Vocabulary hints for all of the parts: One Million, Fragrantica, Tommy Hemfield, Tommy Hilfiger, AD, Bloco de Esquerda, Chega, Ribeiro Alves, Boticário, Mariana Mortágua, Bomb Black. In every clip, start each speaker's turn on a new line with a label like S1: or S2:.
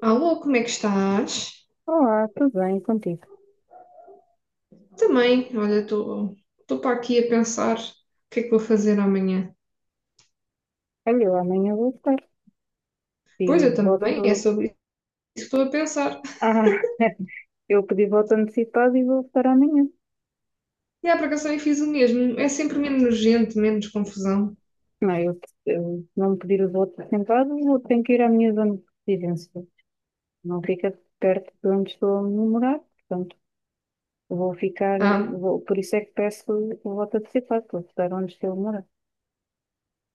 S1: Alô, como é que estás?
S2: Olá, tudo bem contigo?
S1: Também, olha, estou para aqui a pensar o que é que vou fazer amanhã.
S2: Olha, eu amanhã vou estar. E
S1: Pois eu também, é
S2: voto.
S1: sobre isso que estou a pensar.
S2: Ah, eu pedi voto antecipado e vou votar amanhã.
S1: E a para eu fiz o mesmo. É sempre menos gente, menos confusão.
S2: Não, eu, eu não pedir o voto antecipado, vou ter que ir à minha zona de residência. Não fica perto de onde estou a morar, portanto, vou ficar.
S1: Ah,
S2: Vou, por isso é que peço o voto antecipado, para votar onde estou a morar.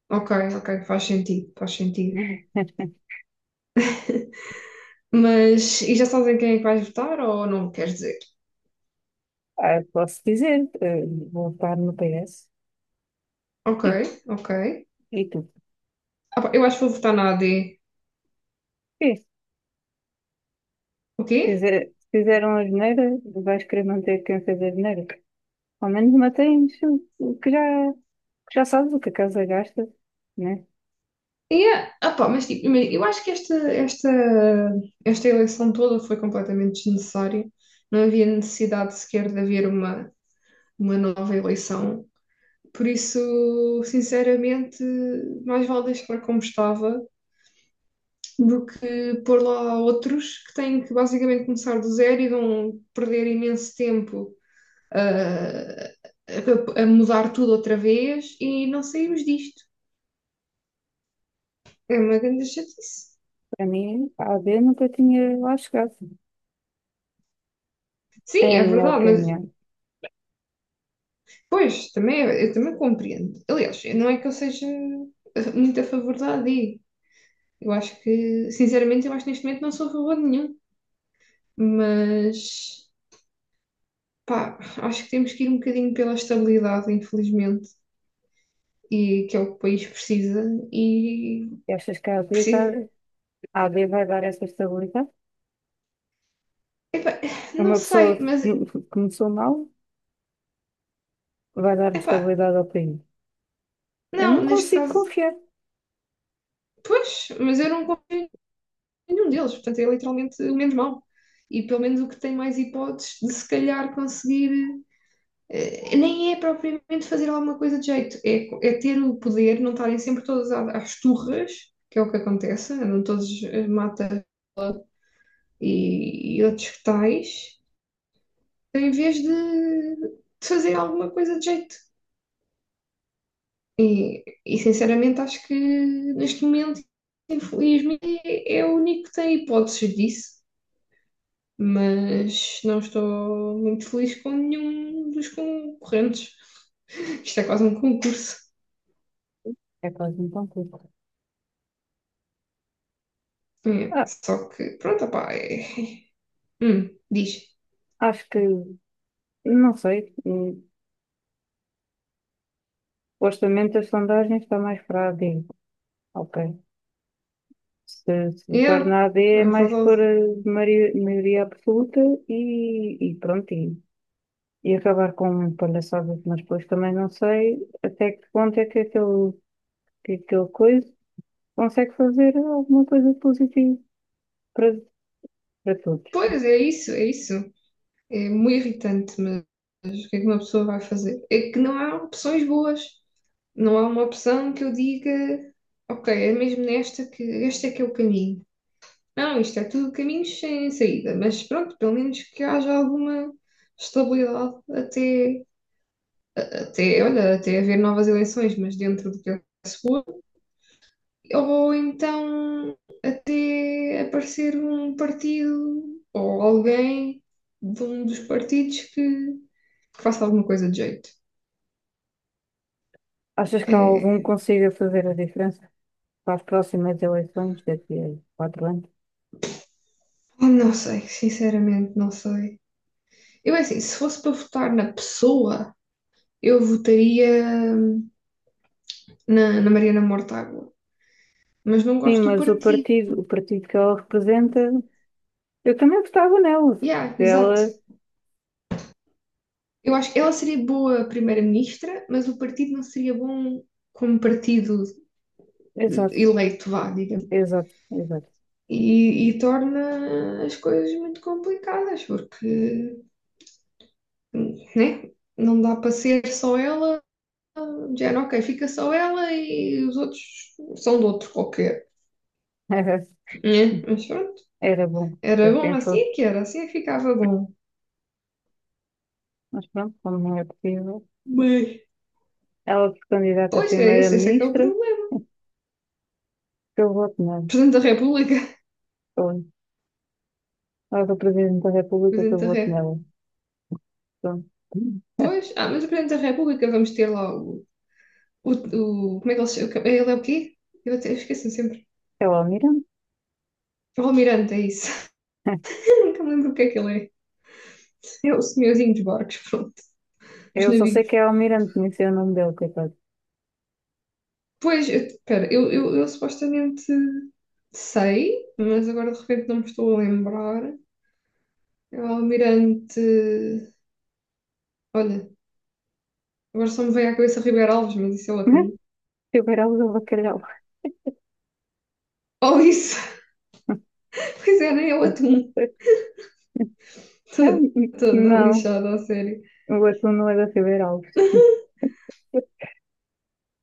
S1: ok, ok, faz sentido, faz sentido. Mas, e já sabes em quem é que vais votar ou não queres dizer?
S2: Ah, posso dizer, vou votar no PS.
S1: Ok,
S2: E,
S1: ok.
S2: e tu?
S1: Ah, pá, eu acho que vou votar na AD.
S2: Sim,
S1: O quê?
S2: se fizeram a geneira, vais querer manter quem fez a geneira. Ao menos mantens o que já, que já sabes o que a casa gasta, né?
S1: Yeah. Ah, pá, mas tipo, imagina, eu acho que esta eleição toda foi completamente desnecessária. Não havia necessidade sequer de haver uma nova eleição. Por isso, sinceramente, mais vale deixar como estava do que pôr lá outros que têm que basicamente começar do zero e vão perder imenso tempo ah, a mudar tudo outra vez e não saímos disto. É uma grande chatice.
S2: Para mim, a AD nunca tinha lá chegado. É
S1: Sim,
S2: a
S1: é
S2: minha
S1: verdade.
S2: opinião.
S1: Pois, também, é, eu também compreendo. Aliás, eu- não é que eu seja muito a favor da AD. Eu acho que, sinceramente, eu acho que neste momento não sou a favor de nenhum. Mas, pá, acho que temos que ir um bocadinho pela estabilidade, infelizmente, e que é o que o país precisa. E,
S2: E achas que a
S1: precisa.
S2: a AB vai dar essa estabilidade?
S1: Epá, não
S2: Uma pessoa
S1: sei, mas,
S2: que que começou mal vai dar
S1: epá,
S2: estabilidade ao país. Eu
S1: não,
S2: não
S1: neste
S2: consigo
S1: caso,
S2: confiar.
S1: pois, mas eu não confio em nenhum deles. Portanto, é literalmente o menos mau. E pelo menos o que tem mais hipóteses de se calhar conseguir. Nem é propriamente fazer alguma coisa de jeito, é, é ter o poder, não estarem sempre todas à- às turras, que é o que acontece, andam todos mata e outros tais, em vez de fazer alguma coisa de jeito. E, sinceramente acho que neste momento, infelizmente, é o único que tem hipóteses disso, mas não estou muito feliz com nenhum dos concorrentes. Isto é quase um concurso.
S2: É quase um concurso.
S1: É,
S2: Ah,
S1: só que, pronto, opá, é... diz.
S2: acho que, não sei, supostamente as sondagens está mais para a AB. Ok. Se votar na
S1: Yeah,
S2: AD é
S1: é
S2: mais por
S1: verdade.
S2: maioria absoluta e pronto, e acabar com palhaçadas, mas depois também não sei até que ponto é que que aquele coisa consegue fazer alguma coisa positiva para, para todos.
S1: Pois, é isso, é isso. É muito irritante, mas o que é que uma pessoa vai fazer? É que não há opções boas. Não há uma opção que eu diga, ok, é mesmo nesta que este é que é o caminho. Não, isto é tudo caminhos sem saída, mas pronto, pelo menos que haja alguma estabilidade até, até, olha, até haver novas eleições, mas dentro do que é seguro ou então até aparecer um partido ou alguém de um dos partidos que faça alguma coisa de jeito.
S2: Achas que há algum
S1: É,
S2: que consiga fazer a diferença para as próximas eleições daqui a quatro anos?
S1: não sei, sinceramente, não sei. Eu, é assim, se fosse para votar na pessoa, eu votaria na Mariana Mortágua, mas não
S2: Sim,
S1: gosto do
S2: mas
S1: partido.
S2: o partido que ela representa, eu também gostava nela.
S1: Yeah, exato.
S2: Ela,
S1: Eu acho que ela seria boa primeira-ministra, mas o partido não seria bom como partido
S2: exato,
S1: eleito, vá, digamos.
S2: exato.
S1: E, e torna as coisas muito complicadas, porque, né, não dá para ser só ela, de género, ok, fica só ela e os outros são de outro qualquer, né? Mas pronto,
S2: Era bom que
S1: era bom
S2: assim
S1: assim
S2: fosse,
S1: é que era, assim é que ficava bom.
S2: mas pronto, como não é possível.
S1: Mas,
S2: Ela se candidata a
S1: pois, é esse, esse é que é o
S2: primeira-ministra,
S1: problema.
S2: eu voto nela.
S1: Presidente da República,
S2: Ou ela é o presidente da República, eu
S1: Presidente da
S2: voto
S1: República.
S2: nela. Pronto.
S1: Pois, ah, mas o Presidente da República vamos ter lá o- como é que ele se chama? Ele é o quê? Eu até esqueço sempre.
S2: É o Almirante.
S1: O Almirante, é isso. Nunca me lembro o que é que ele é. É o senhorzinho dos barcos, pronto, dos
S2: Eu só sei
S1: navios.
S2: que é o Almirante, nem sei o nome dele, coitado.
S1: Pois, espera, eu supostamente sei, mas agora de repente não me estou a lembrar. É o almirante. Olha, agora só me veio à cabeça Ribeiro Alves, mas isso é o atum.
S2: Figueiredo do Bacalhau.
S1: Oh, isso! Pois é, nem é o
S2: Ah,
S1: atum. Estou toda
S2: não,
S1: lixada, a sério.
S2: o atum não é da Figueiredo.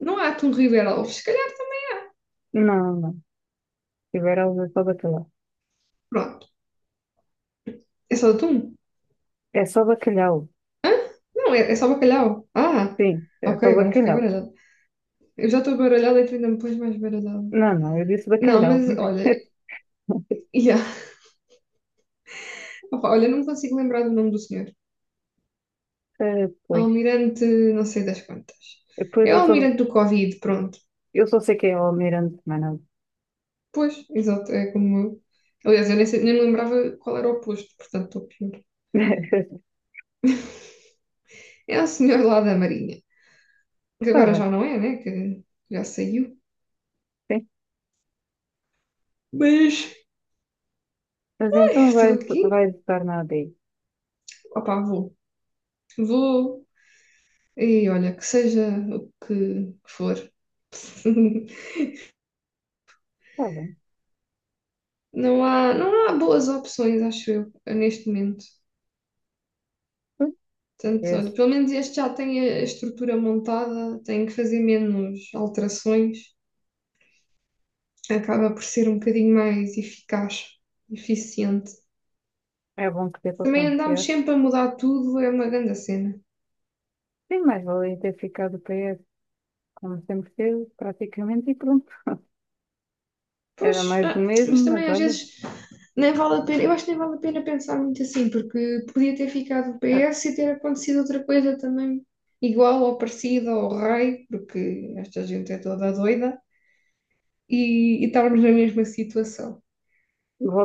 S1: Não há atum Ribeiro Alves, se calhar também.
S2: Não, não. Figueiredo é só bacalhau.
S1: Pronto, é só atum?
S2: É só bacalhau.
S1: Hã? Não, é, é só bacalhau. Ah,
S2: Sim, é
S1: ok,
S2: só
S1: agora fiquei
S2: bacalhau.
S1: baralhada. Eu já estou baralhada e tu ainda me pões mais baralhada.
S2: Não, não, eu disse
S1: Não,
S2: bacalhau.
S1: mas olha, yeah. Opa, olha, não me consigo lembrar do nome do senhor.
S2: Ah, pois,
S1: Almirante, não sei das quantas.
S2: Depois
S1: É o
S2: eu só,
S1: almirante do Covid, pronto.
S2: eu só sei que é o almirante, mas não.
S1: Pois, exato, é como eu. Aliás, eu nem, sei- nem me lembrava qual era o posto, portanto estou pior. É o senhor lá da Marinha, que
S2: Está
S1: agora
S2: bem,
S1: já não é, né? Que já saiu.
S2: sim.
S1: Mas
S2: Mas
S1: ai, estou aqui.
S2: vai estar na ADI.
S1: Opa, vou. Vou. E olha, que seja o que for.
S2: Está bem.
S1: Não há, não há boas opções, acho eu, neste momento. Portanto,
S2: Pois,
S1: olha, pelo menos este já tem a estrutura montada, tem que fazer menos alterações, acaba por ser um bocadinho mais eficaz, eficiente.
S2: é, é bom que dê para
S1: Também andámos
S2: confiar.
S1: sempre a mudar tudo, é uma grande cena.
S2: Sim, mas valia ter ficado PS, como sempre teve, praticamente, e pronto. Era
S1: Pois,
S2: mais do
S1: ah,
S2: mesmo,
S1: mas
S2: mas
S1: também às
S2: olha,
S1: vezes nem vale a pena, eu acho que nem vale a pena pensar muito assim, porque podia ter ficado o
S2: eh,
S1: PS e ter acontecido outra coisa também igual ou parecida ao rei, porque esta gente é toda doida, e estarmos na mesma situação.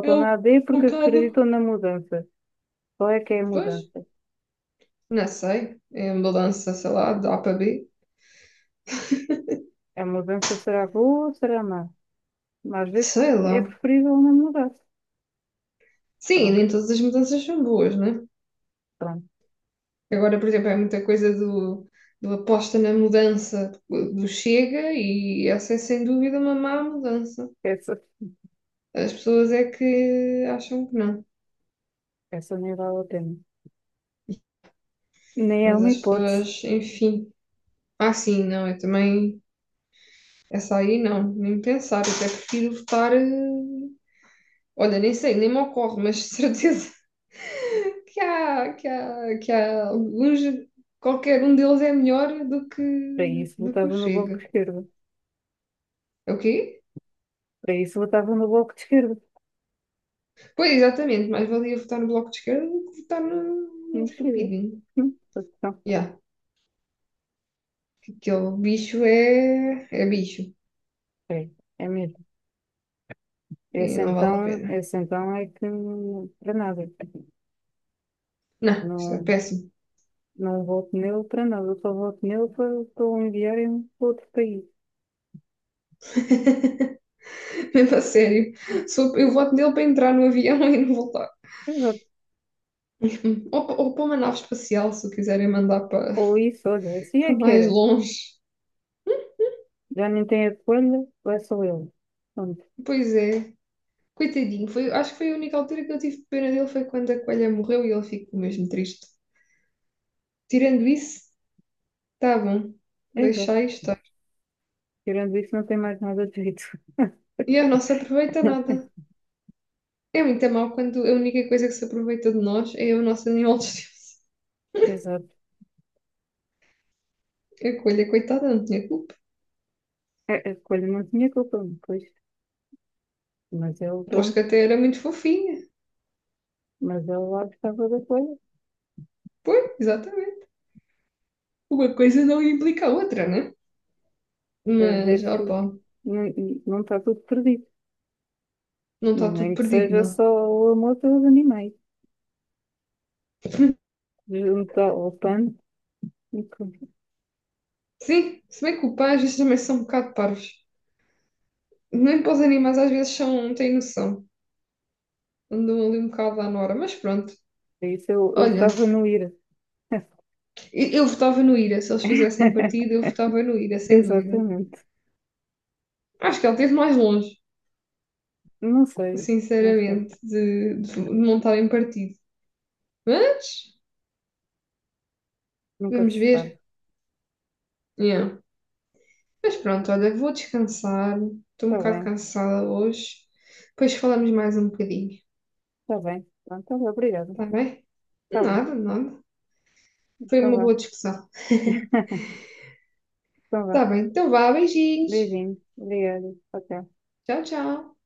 S1: É
S2: na AD
S1: um
S2: porque
S1: bocado.
S2: acreditou na mudança. Qual é que é a
S1: Pois,
S2: mudança?
S1: não sei. É a mudança, sei lá, de A para B.
S2: A mudança será boa ou será má? Mas às vezes
S1: Sei
S2: é
S1: lá.
S2: preferível não mudar.
S1: Sim,
S2: Pronto,
S1: nem todas as mudanças são boas, né?
S2: pronto.
S1: Agora, por exemplo, é muita coisa do aposta na mudança do Chega e essa é sem dúvida uma má mudança.
S2: Essa,
S1: As pessoas é que acham que não.
S2: essa nem vale a pena. Nem é
S1: Mas
S2: uma
S1: as
S2: hipótese.
S1: pessoas, enfim. Ah, sim, não, eu também. Essa aí não, nem pensar. Eu até prefiro votar. Olha, nem sei, nem me ocorre, mas de certeza que há alguns, qualquer um deles é melhor
S2: Para isso
S1: do que o
S2: votava no bloco
S1: Chega.
S2: de esquerda.
S1: É o quê?
S2: Para isso votava no bloco de esquerda.
S1: Pois, exatamente, mais valia votar no Bloco de Esquerda do que votar num
S2: Não chega.
S1: estupidinho.
S2: Hum, então,
S1: Yeah, aquele bicho é, é bicho
S2: É, é mesmo.
S1: e não vale a pena.
S2: Esse então é que não- para nada.
S1: Não, isso é
S2: Não,
S1: péssimo.
S2: não voto nele para nada. Eu só voto nele para, para o enviarem para outro país.
S1: Mesmo a sério. Sou- eu voto nele para entrar no avião e não voltar.
S2: Exato.
S1: Ou, pa- ou para uma nave espacial, se o quiserem mandar para,
S2: Ou isso, olha, assim é
S1: para
S2: que
S1: mais
S2: era.
S1: longe.
S2: Já nem tem a escolha, vai só ele. Pronto.
S1: Pois é. Coitadinho, foi, acho que foi a única altura que eu tive pena dele foi quando a coelha morreu e ele ficou mesmo triste. Tirando isso, tá bom,
S2: Exato.
S1: deixai estar.
S2: Tirando isso, não tem mais nada de jeito.
S1: E ele não se aproveita nada. É muito mau quando a única coisa que se aproveita de nós é o nosso animal de estimação.
S2: Exato.
S1: A coelha, coitada, não tinha culpa.
S2: A escolha não tinha culpa, pois. Mas ele,
S1: Aposto que
S2: pronto.
S1: até era muito fofinha.
S2: Mas ele lá gostava da coisa.
S1: Pois, exatamente. Uma coisa não implica a outra, né?
S2: Quer
S1: Mas,
S2: dizer que
S1: opa,
S2: não, não está tudo perdido.
S1: não está tudo
S2: Nem que
S1: perdido,
S2: seja só
S1: não.
S2: o amor pelos animais. Junto ao pano. E com-
S1: Sim, se bem que o pai às vezes também são um bocado parvos. Nem para os animais às vezes são, têm noção. Andou ali um bocado à Nora, mas pronto.
S2: Eu
S1: Olha,
S2: estava no IRA.
S1: eu votava no Ira, se eles fizessem partido, eu votava no Ira, sem dúvida.
S2: Exatamente.
S1: Acho que ele esteve mais longe,
S2: Não sei, não sei.
S1: sinceramente, de montar em partido. Mas,
S2: Nunca
S1: vamos
S2: se sabe.
S1: ver. Yeah. Mas pronto, olha, vou descansar, estou um
S2: Está
S1: bocado
S2: bem,
S1: cansada hoje. Depois falamos mais um bocadinho,
S2: está bem. Pronto, tá bem, obrigada.
S1: está bem?
S2: Está bem,
S1: Nada, nada. Foi
S2: então
S1: uma
S2: vá.
S1: boa discussão.
S2: Então vá.
S1: Está bem, então vá, beijinhos.
S2: Beijinho. Obrigada. Até.
S1: Tchau, tchau.